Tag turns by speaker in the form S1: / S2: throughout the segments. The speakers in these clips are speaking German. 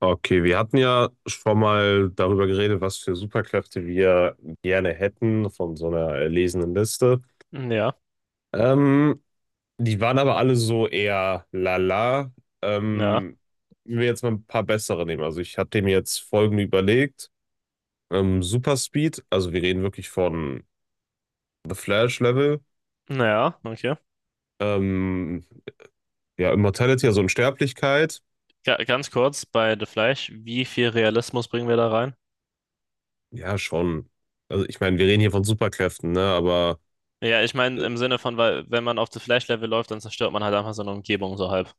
S1: Okay, wir hatten ja schon mal darüber geredet, was für Superkräfte wir gerne hätten von so einer erlesenen Liste.
S2: Ja,
S1: Ähm, Die waren aber alle so eher lala.
S2: ja,
S1: Ähm, Wenn wir jetzt mal ein paar bessere nehmen. Also ich hatte mir jetzt folgende überlegt. Super Speed, also wir reden wirklich von The Flash Level.
S2: ja, okay.
S1: Ähm, ja, Immortality, also Unsterblichkeit.
S2: Ga ganz kurz bei The Flash, wie viel Realismus bringen wir da rein?
S1: Ja, schon. Also ich meine, wir reden hier von Superkräften, ne? Aber
S2: Ja, ich meine im Sinne von, weil wenn man auf The Flash-Level läuft, dann zerstört man halt einfach so eine Umgebung so halb.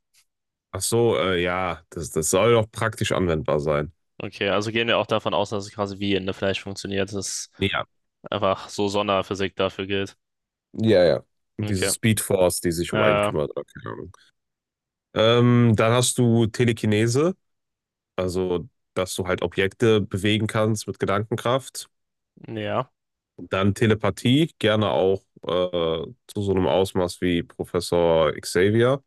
S1: ach so, ja, das soll doch praktisch anwendbar sein.
S2: Okay, also gehen wir auch davon aus, dass es quasi wie in The Flash funktioniert, dass
S1: Ja.
S2: einfach so Sonderphysik dafür gilt.
S1: Ja, ja. Diese
S2: Okay.
S1: Speed Force, die sich um einen
S2: Äh,
S1: kümmert, oder keine Ahnung. Dann hast du Telekinese, also dass du halt Objekte bewegen kannst mit Gedankenkraft.
S2: ja,
S1: Dann Telepathie, gerne auch zu so einem Ausmaß wie Professor Xavier.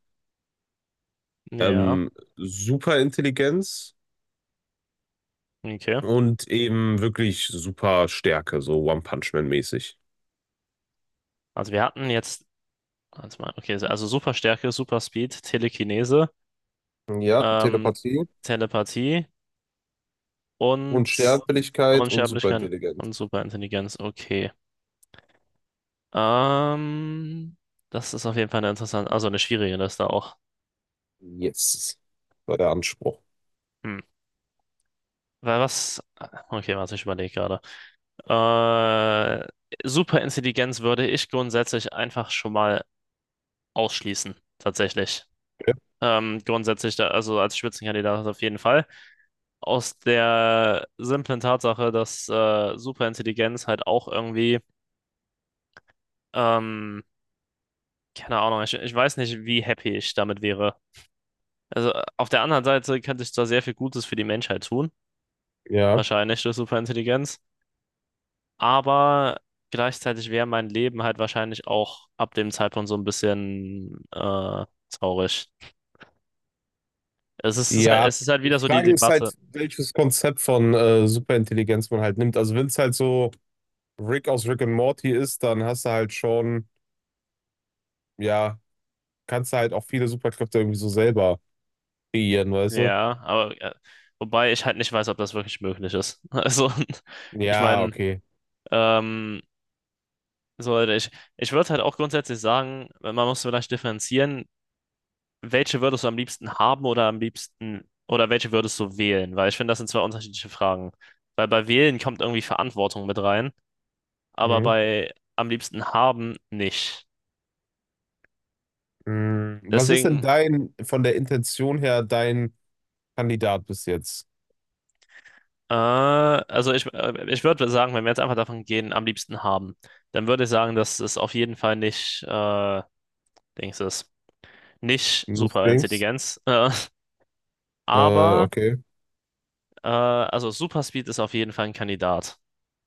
S2: ja,
S1: Ähm, Superintelligenz
S2: ja, okay.
S1: und eben wirklich super Stärke, so One-Punch-Man-mäßig.
S2: Also wir hatten jetzt, warte mal, okay, also Superstärke, Superspeed, Telekinese,
S1: Ja,
S2: ähm,
S1: Telepathie.
S2: Telepathie und
S1: Unsterblichkeit und
S2: Unsterblichkeit
S1: superintelligent.
S2: und Superintelligenz. Okay. Ähm, Das ist auf jeden Fall eine interessante, also eine schwierige Liste auch.
S1: Yes, war der Anspruch.
S2: Hm. Weil was? Okay, warte, ich überlege gerade. Äh, Superintelligenz würde ich grundsätzlich einfach schon mal ausschließen, tatsächlich.
S1: Okay.
S2: Grundsätzlich, da, also als Spitzenkandidat auf jeden Fall. Aus der simplen Tatsache, dass Superintelligenz halt auch irgendwie ähm, keine Ahnung, ich weiß nicht, wie happy ich damit wäre. Also auf der anderen Seite könnte ich zwar sehr viel Gutes für die Menschheit tun,
S1: Ja.
S2: wahrscheinlich durch Superintelligenz, aber gleichzeitig wäre mein Leben halt wahrscheinlich auch ab dem Zeitpunkt so ein bisschen traurig. Es ist, es ist halt,
S1: Ja.
S2: es ist halt
S1: Die
S2: wieder so die
S1: Frage ist
S2: Debatte.
S1: halt, welches Konzept von Superintelligenz man halt nimmt. Also wenn es halt so Rick aus Rick and Morty ist, dann hast du halt schon, ja, kannst du halt auch viele Superkräfte irgendwie so selber kreieren, weißt du?
S2: Ja, aber wobei ich halt nicht weiß, ob das wirklich möglich ist. Also ich
S1: Ja,
S2: meine,
S1: okay.
S2: ähm, so ich, ich würde halt auch grundsätzlich sagen, man muss vielleicht differenzieren, welche würdest du am liebsten haben oder am liebsten oder welche würdest du wählen? Weil ich finde, das sind zwei unterschiedliche Fragen. Weil bei wählen kommt irgendwie Verantwortung mit rein, aber
S1: Mhm.
S2: bei am liebsten haben nicht.
S1: Mhm. Was ist denn
S2: Deswegen,
S1: dein, von der Intention her, dein Kandidat bis jetzt?
S2: ich würde sagen, wenn wir jetzt einfach davon gehen, am liebsten haben, dann würde ich sagen, dass es auf jeden Fall nicht, Dings ist, nicht
S1: Nicht Dings?
S2: Superintelligenz. Aber,
S1: Okay.
S2: also Superspeed ist auf jeden Fall ein Kandidat,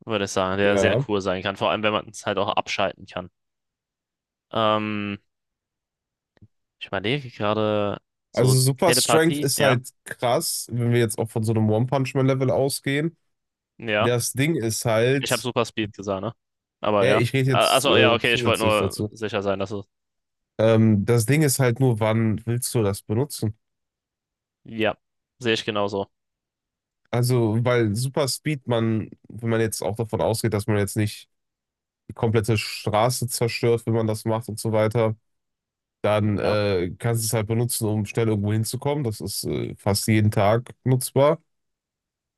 S2: würde ich sagen, der sehr
S1: Ja.
S2: cool sein kann, vor allem wenn man es halt auch abschalten kann. Ähm, ich überlege gerade so.
S1: Also Super Strength
S2: Telepathie,
S1: ist
S2: ja,
S1: halt krass, wenn wir jetzt auch von so einem One Punch Man Level ausgehen.
S2: ja.
S1: Das Ding ist
S2: Ich habe
S1: halt,
S2: Super Speed gesagt, ne? Aber
S1: ja,
S2: ja.
S1: ich rede jetzt
S2: Also ja, okay, ich wollte
S1: zusätzlich
S2: nur
S1: dazu.
S2: sicher sein, dass es.
S1: Das Ding ist halt nur, wann willst du das benutzen?
S2: Ja, sehe ich genauso.
S1: Also, weil Super Speed, man, wenn man jetzt auch davon ausgeht, dass man jetzt nicht die komplette Straße zerstört, wenn man das macht und so weiter, dann
S2: Ja,
S1: kannst du es halt benutzen, um schnell irgendwo hinzukommen. Das ist fast jeden Tag nutzbar.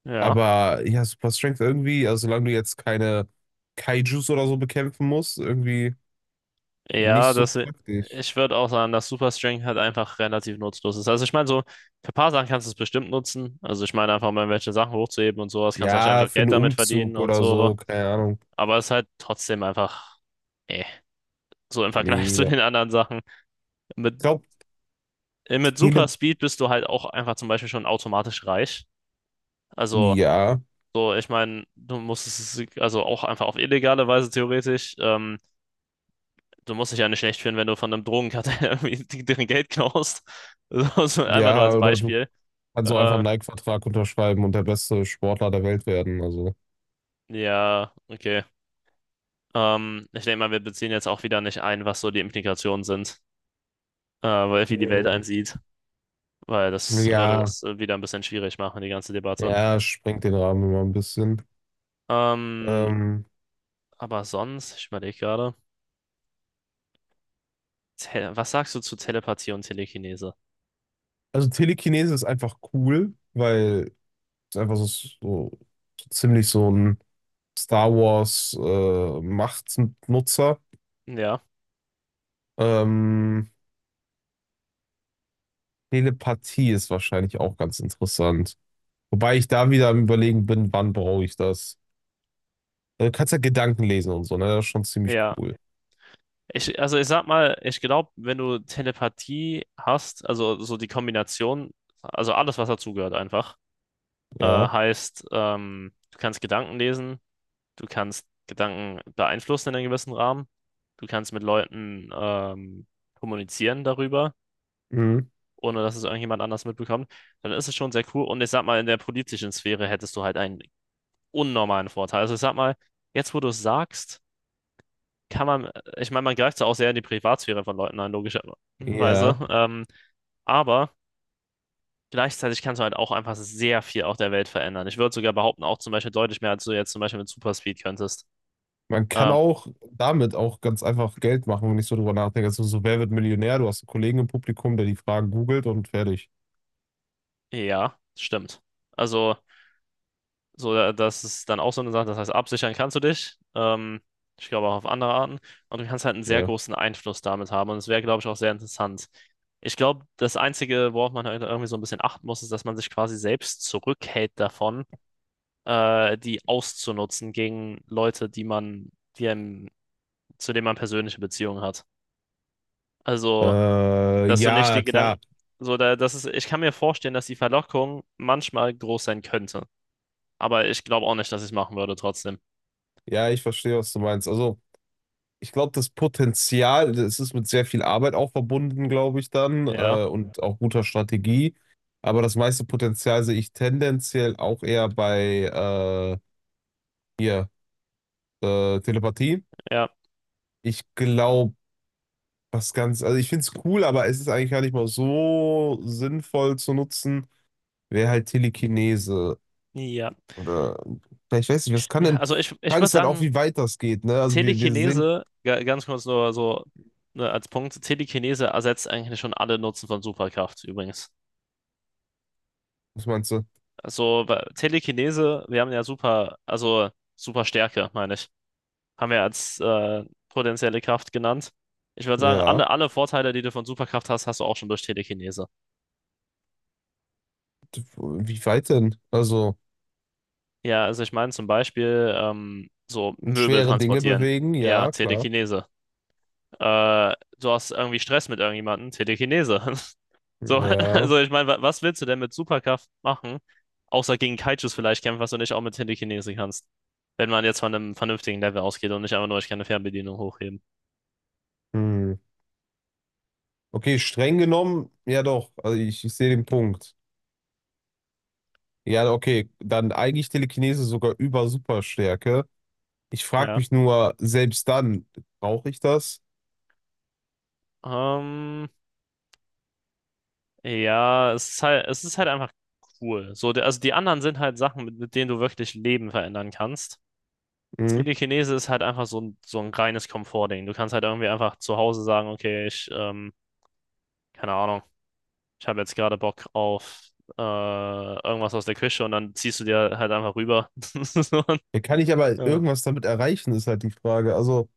S2: ja.
S1: Aber ja, Super Strength irgendwie, also solange du jetzt keine Kaijus oder so bekämpfen musst, irgendwie nicht
S2: Ja,
S1: so
S2: das,
S1: praktisch.
S2: ich würde auch sagen, dass Super Strength halt einfach relativ nutzlos ist. Also ich meine, so für ein paar Sachen kannst du es bestimmt nutzen. Also ich meine einfach mal, welche Sachen hochzuheben und sowas, kannst
S1: Ja,
S2: wahrscheinlich auch
S1: für einen
S2: Geld damit verdienen
S1: Umzug
S2: und
S1: oder
S2: so.
S1: so, keine Ahnung.
S2: Aber es ist halt trotzdem einfach, eh, so im Vergleich
S1: Nee,
S2: zu
S1: ja.
S2: den anderen Sachen. Mit
S1: Ich glaube,
S2: mit
S1: Tele.
S2: Super Speed bist du halt auch einfach zum Beispiel schon automatisch reich. Also,
S1: Ja,
S2: so, ich meine, du musst es, also auch einfach auf illegale Weise theoretisch, du musst dich ja nicht schlecht fühlen, wenn du von einem Drogenkartell irgendwie deren Geld klaust. So, so einfach nur
S1: ja,
S2: als
S1: oder du
S2: Beispiel.
S1: kannst auch einfach einen
S2: Äh,
S1: Nike-Vertrag unterschreiben und der beste Sportler der Welt werden. Also.
S2: ja, okay. Ich denke mal, wir beziehen jetzt auch wieder nicht ein, was so die Implikationen sind, weil wie die Welt einsieht, weil das würde
S1: Ja,
S2: das wieder ein bisschen schwierig machen, die ganze Debatte.
S1: ja, sprengt den Rahmen immer ein bisschen.
S2: Ähm,
S1: Ähm,
S2: aber sonst, ich überlege gerade. Tele, was sagst du zu Telepathie und Telekinese?
S1: also Telekinese ist einfach cool, weil es einfach so ziemlich so ein Star Wars Machtnutzer.
S2: Ja,
S1: Ähm, Telepathie ist wahrscheinlich auch ganz interessant. Wobei ich da wieder am Überlegen bin, wann brauche ich das? Du kannst ja Gedanken lesen und so, ne? Das ist schon ziemlich
S2: ja.
S1: cool.
S2: Also ich sag mal, ich glaube, wenn du Telepathie hast, also so die Kombination, also alles, was dazugehört einfach,
S1: Ja.
S2: heißt, du kannst Gedanken lesen, du kannst Gedanken beeinflussen in einem gewissen Rahmen, du kannst mit Leuten kommunizieren darüber,
S1: Mhm.
S2: ohne dass es irgendjemand anders mitbekommt, dann ist es schon sehr cool. Und ich sag mal, in der politischen Sphäre hättest du halt einen unnormalen Vorteil. Also ich sag mal, jetzt wo du es sagst, kann man, ich meine, man greift ja auch sehr in die Privatsphäre von Leuten ein, logischerweise.
S1: Ja.
S2: Aber gleichzeitig kannst du halt auch einfach sehr viel auf der Welt verändern. Ich würde sogar behaupten, auch zum Beispiel deutlich mehr, als du jetzt zum Beispiel mit Superspeed könntest.
S1: Man kann
S2: Ähm,
S1: auch damit auch ganz einfach Geld machen, wenn ich so drüber nachdenke. Also so, wer wird Millionär? Du hast einen Kollegen im Publikum, der die Fragen googelt und fertig.
S2: ja, stimmt. Also, so, das ist dann auch so eine Sache, das heißt, absichern kannst du dich. Ich glaube auch auf andere Arten. Und du kannst halt einen sehr
S1: Ja.
S2: großen Einfluss damit haben. Und es wäre, glaube ich, auch sehr interessant. Ich glaube, das Einzige, worauf man halt irgendwie so ein bisschen achten muss, ist, dass man sich quasi selbst zurückhält davon die auszunutzen gegen Leute, die einem, zu denen man persönliche Beziehungen hat. Also, dass du nicht
S1: Ja,
S2: die Gedanken,
S1: klar.
S2: so da, das ist, ich kann mir vorstellen, dass die Verlockung manchmal groß sein könnte. Aber ich glaube auch nicht, dass ich es machen würde trotzdem.
S1: Ja, ich verstehe, was du meinst. Also ich glaube, das Potenzial, das ist mit sehr viel Arbeit auch verbunden, glaube ich dann,
S2: Ja,
S1: und auch guter Strategie. Aber das meiste Potenzial sehe ich tendenziell auch eher bei äh, hier, Telepathie.
S2: ja,
S1: Ich glaube, was ganz, also ich finde es cool, aber es ist eigentlich gar nicht mal so sinnvoll zu nutzen, wäre halt Telekinese.
S2: ja.
S1: Oder vielleicht weiß ich, was kann
S2: Ja,
S1: denn. Die
S2: also ich
S1: Frage
S2: würde
S1: ist halt auch,
S2: sagen,
S1: wie weit das geht, ne? Also wir sehen,
S2: Telekinese, ganz kurz nur so, ne, als Punkt, Telekinese ersetzt eigentlich schon alle Nutzen von Superkraft übrigens.
S1: was meinst du?
S2: Also weil Telekinese, wir haben ja super, also super Stärke, meine ich, haben wir als potenzielle Kraft genannt. Ich würde sagen,
S1: Ja,
S2: alle Vorteile, die du von Superkraft hast, hast du auch schon durch Telekinese.
S1: wie weit denn? Also.
S2: Ja, also ich meine zum Beispiel so Möbel
S1: Schwere Dinge
S2: transportieren.
S1: bewegen,
S2: Ja,
S1: ja, klar.
S2: Telekinese. Äh, Du hast irgendwie Stress mit irgendjemandem, Telekinese. So,
S1: Ja.
S2: also ich meine, was willst du denn mit Superkraft machen, außer gegen Kaijus vielleicht kämpfen, was du nicht auch mit Telekinese kannst? Wenn man jetzt von einem vernünftigen Level ausgeht und nicht einfach nur, ich kann eine Fernbedienung hochheben.
S1: Hm. Okay, streng genommen, ja doch. Also ich sehe den Punkt. Ja, okay. Dann eigentlich Telekinese sogar über Superstärke. Ich frage
S2: Ja.
S1: mich nur, selbst dann, brauche ich das?
S2: Ähm, Ja, es ist halt einfach cool. So, also die anderen sind halt Sachen, mit denen du wirklich Leben verändern kannst.
S1: Hm.
S2: Telekinese ist halt einfach so ein reines Komfortding. Du kannst halt irgendwie einfach zu Hause sagen, okay, ich, keine Ahnung, ich habe jetzt gerade Bock auf irgendwas aus der Küche und dann ziehst du dir halt einfach rüber.
S1: Ja, kann ich aber
S2: So, äh,
S1: irgendwas damit erreichen, ist halt die Frage. Also,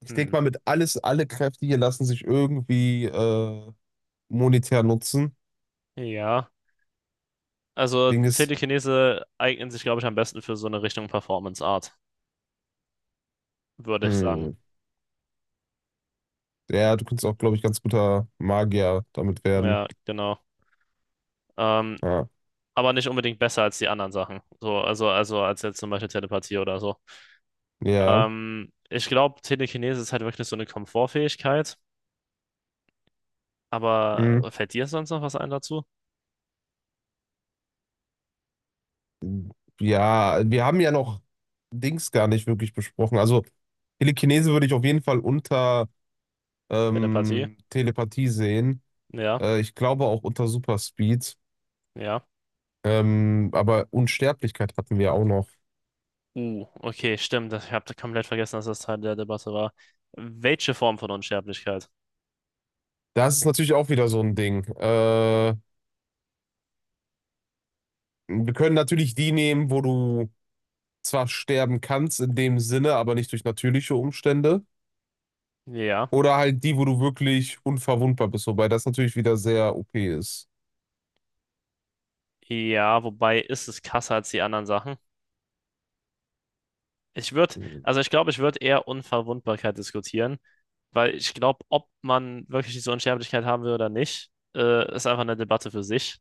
S1: ich
S2: hm.
S1: denke mal, alle Kräfte hier lassen sich irgendwie monetär nutzen.
S2: Ja, also
S1: Ding ist,
S2: Telekinese eignen sich, glaube ich, am besten für so eine Richtung Performance Art, würde ich sagen.
S1: hm. Ja, du könntest auch, glaube ich, ganz guter Magier damit werden.
S2: Ja, genau. Ähm,
S1: Ja.
S2: aber nicht unbedingt besser als die anderen Sachen. So, also als jetzt zum Beispiel Telepathie oder so.
S1: Ja.
S2: Ich glaube, Telekinese ist halt wirklich so eine Komfortfähigkeit.
S1: Hm.
S2: Aber fällt dir sonst noch was ein dazu?
S1: Ja, wir haben ja noch Dings gar nicht wirklich besprochen. Also Telekinese würde ich auf jeden Fall unter
S2: Telepathie?
S1: Telepathie sehen.
S2: Ja,
S1: Ich glaube auch unter Superspeed.
S2: ja.
S1: Aber Unsterblichkeit hatten wir auch noch.
S2: Okay, stimmt. Ich habe komplett vergessen, dass das Teil der Debatte war. Welche Form von Unsterblichkeit?
S1: Das ist natürlich auch wieder so ein Ding. Wir können natürlich die nehmen, wo du zwar sterben kannst in dem Sinne, aber nicht durch natürliche Umstände.
S2: Ja.
S1: Oder halt die, wo du wirklich unverwundbar bist, wobei das natürlich wieder sehr OP ist.
S2: Ja, wobei ist es krasser als die anderen Sachen? Ich würde,
S1: Mhm.
S2: also ich glaube, ich würde eher Unverwundbarkeit diskutieren, weil ich glaube, ob man wirklich diese Unsterblichkeit haben will oder nicht, ist einfach eine Debatte für sich,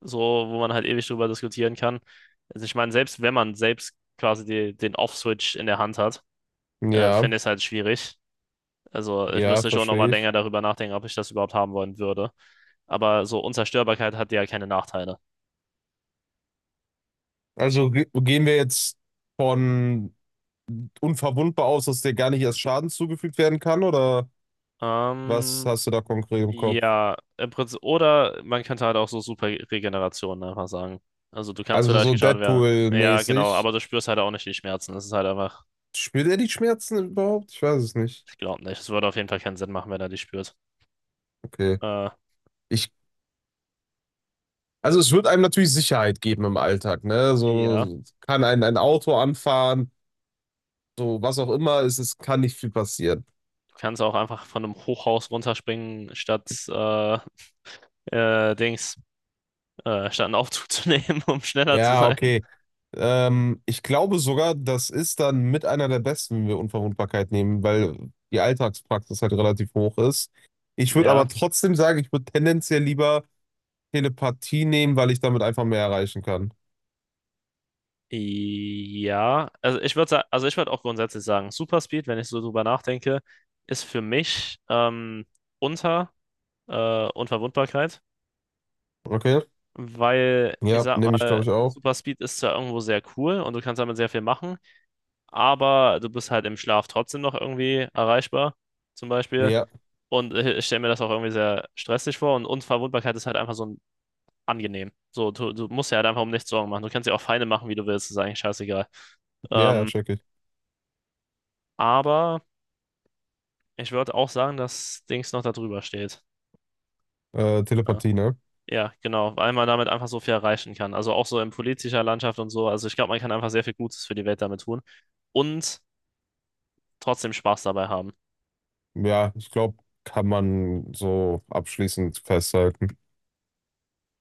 S2: so wo man halt ewig drüber diskutieren kann. Also ich meine, selbst wenn man selbst quasi die, den Off-Switch in der Hand hat,
S1: Ja,
S2: finde ich es halt schwierig. Also ich
S1: ja,
S2: müsste schon
S1: verstehe
S2: nochmal
S1: ich.
S2: länger darüber nachdenken, ob ich das überhaupt haben wollen würde. Aber so Unzerstörbarkeit hat ja keine Nachteile.
S1: Also ge gehen wir jetzt von unverwundbar aus, dass dir gar nicht erst Schaden zugefügt werden kann, oder was
S2: Ähm,
S1: hast du da konkret im Kopf?
S2: Ja, im Prinzip, oder man könnte halt auch so super Regeneration einfach sagen. Also du kannst
S1: Also
S2: vielleicht
S1: so
S2: geschadet werden. Ja, genau,
S1: Deadpool-mäßig.
S2: aber du spürst halt auch nicht die Schmerzen. Das ist halt einfach,
S1: Spürt er die Schmerzen überhaupt? Ich weiß es nicht.
S2: ich glaube nicht. Es würde auf jeden Fall keinen Sinn machen, wenn er die spürt.
S1: Okay.
S2: Äh,
S1: Ich, also es wird einem natürlich Sicherheit geben im Alltag, ne?
S2: ja,
S1: So kann ein Auto anfahren, so was auch immer, es kann nicht viel passieren.
S2: du kannst auch einfach von einem Hochhaus runterspringen, statt Dings, statt einen Aufzug zu nehmen, um schneller zu
S1: Ja,
S2: sein.
S1: okay. Ich glaube sogar, das ist dann mit einer der besten, wenn wir Unverwundbarkeit nehmen, weil die Alltagspraxis halt relativ hoch ist. Ich würde
S2: Ja.
S1: aber trotzdem sagen, ich würde tendenziell lieber Telepathie nehmen, weil ich damit einfach mehr erreichen kann.
S2: Ja, also ich würde auch grundsätzlich sagen, Superspeed, wenn ich so drüber nachdenke, ist für mich unter Unverwundbarkeit,
S1: Okay?
S2: weil ich
S1: Ja,
S2: sag
S1: nehme ich, glaube
S2: mal,
S1: ich, auch.
S2: Superspeed ist zwar irgendwo sehr cool und du kannst damit sehr viel machen, aber du bist halt im Schlaf trotzdem noch irgendwie erreichbar, zum Beispiel.
S1: Ja,
S2: Und ich stelle mir das auch irgendwie sehr stressig vor und Unverwundbarkeit ist halt einfach so ein angenehm. So, du musst ja halt einfach um nichts Sorgen machen. Du kannst dir auch Feinde machen, wie du willst, ist eigentlich scheißegal.
S1: ja, ja,
S2: Ähm,
S1: check ich.
S2: aber Ich würde auch sagen, dass Dings noch da drüber steht. Ja,
S1: Telepathie, ne?
S2: ja, genau, weil man damit einfach so viel erreichen kann. Also auch so in politischer Landschaft und so. Also ich glaube, man kann einfach sehr viel Gutes für die Welt damit tun und trotzdem Spaß dabei haben.
S1: Ja, ich glaube, kann man so abschließend festhalten.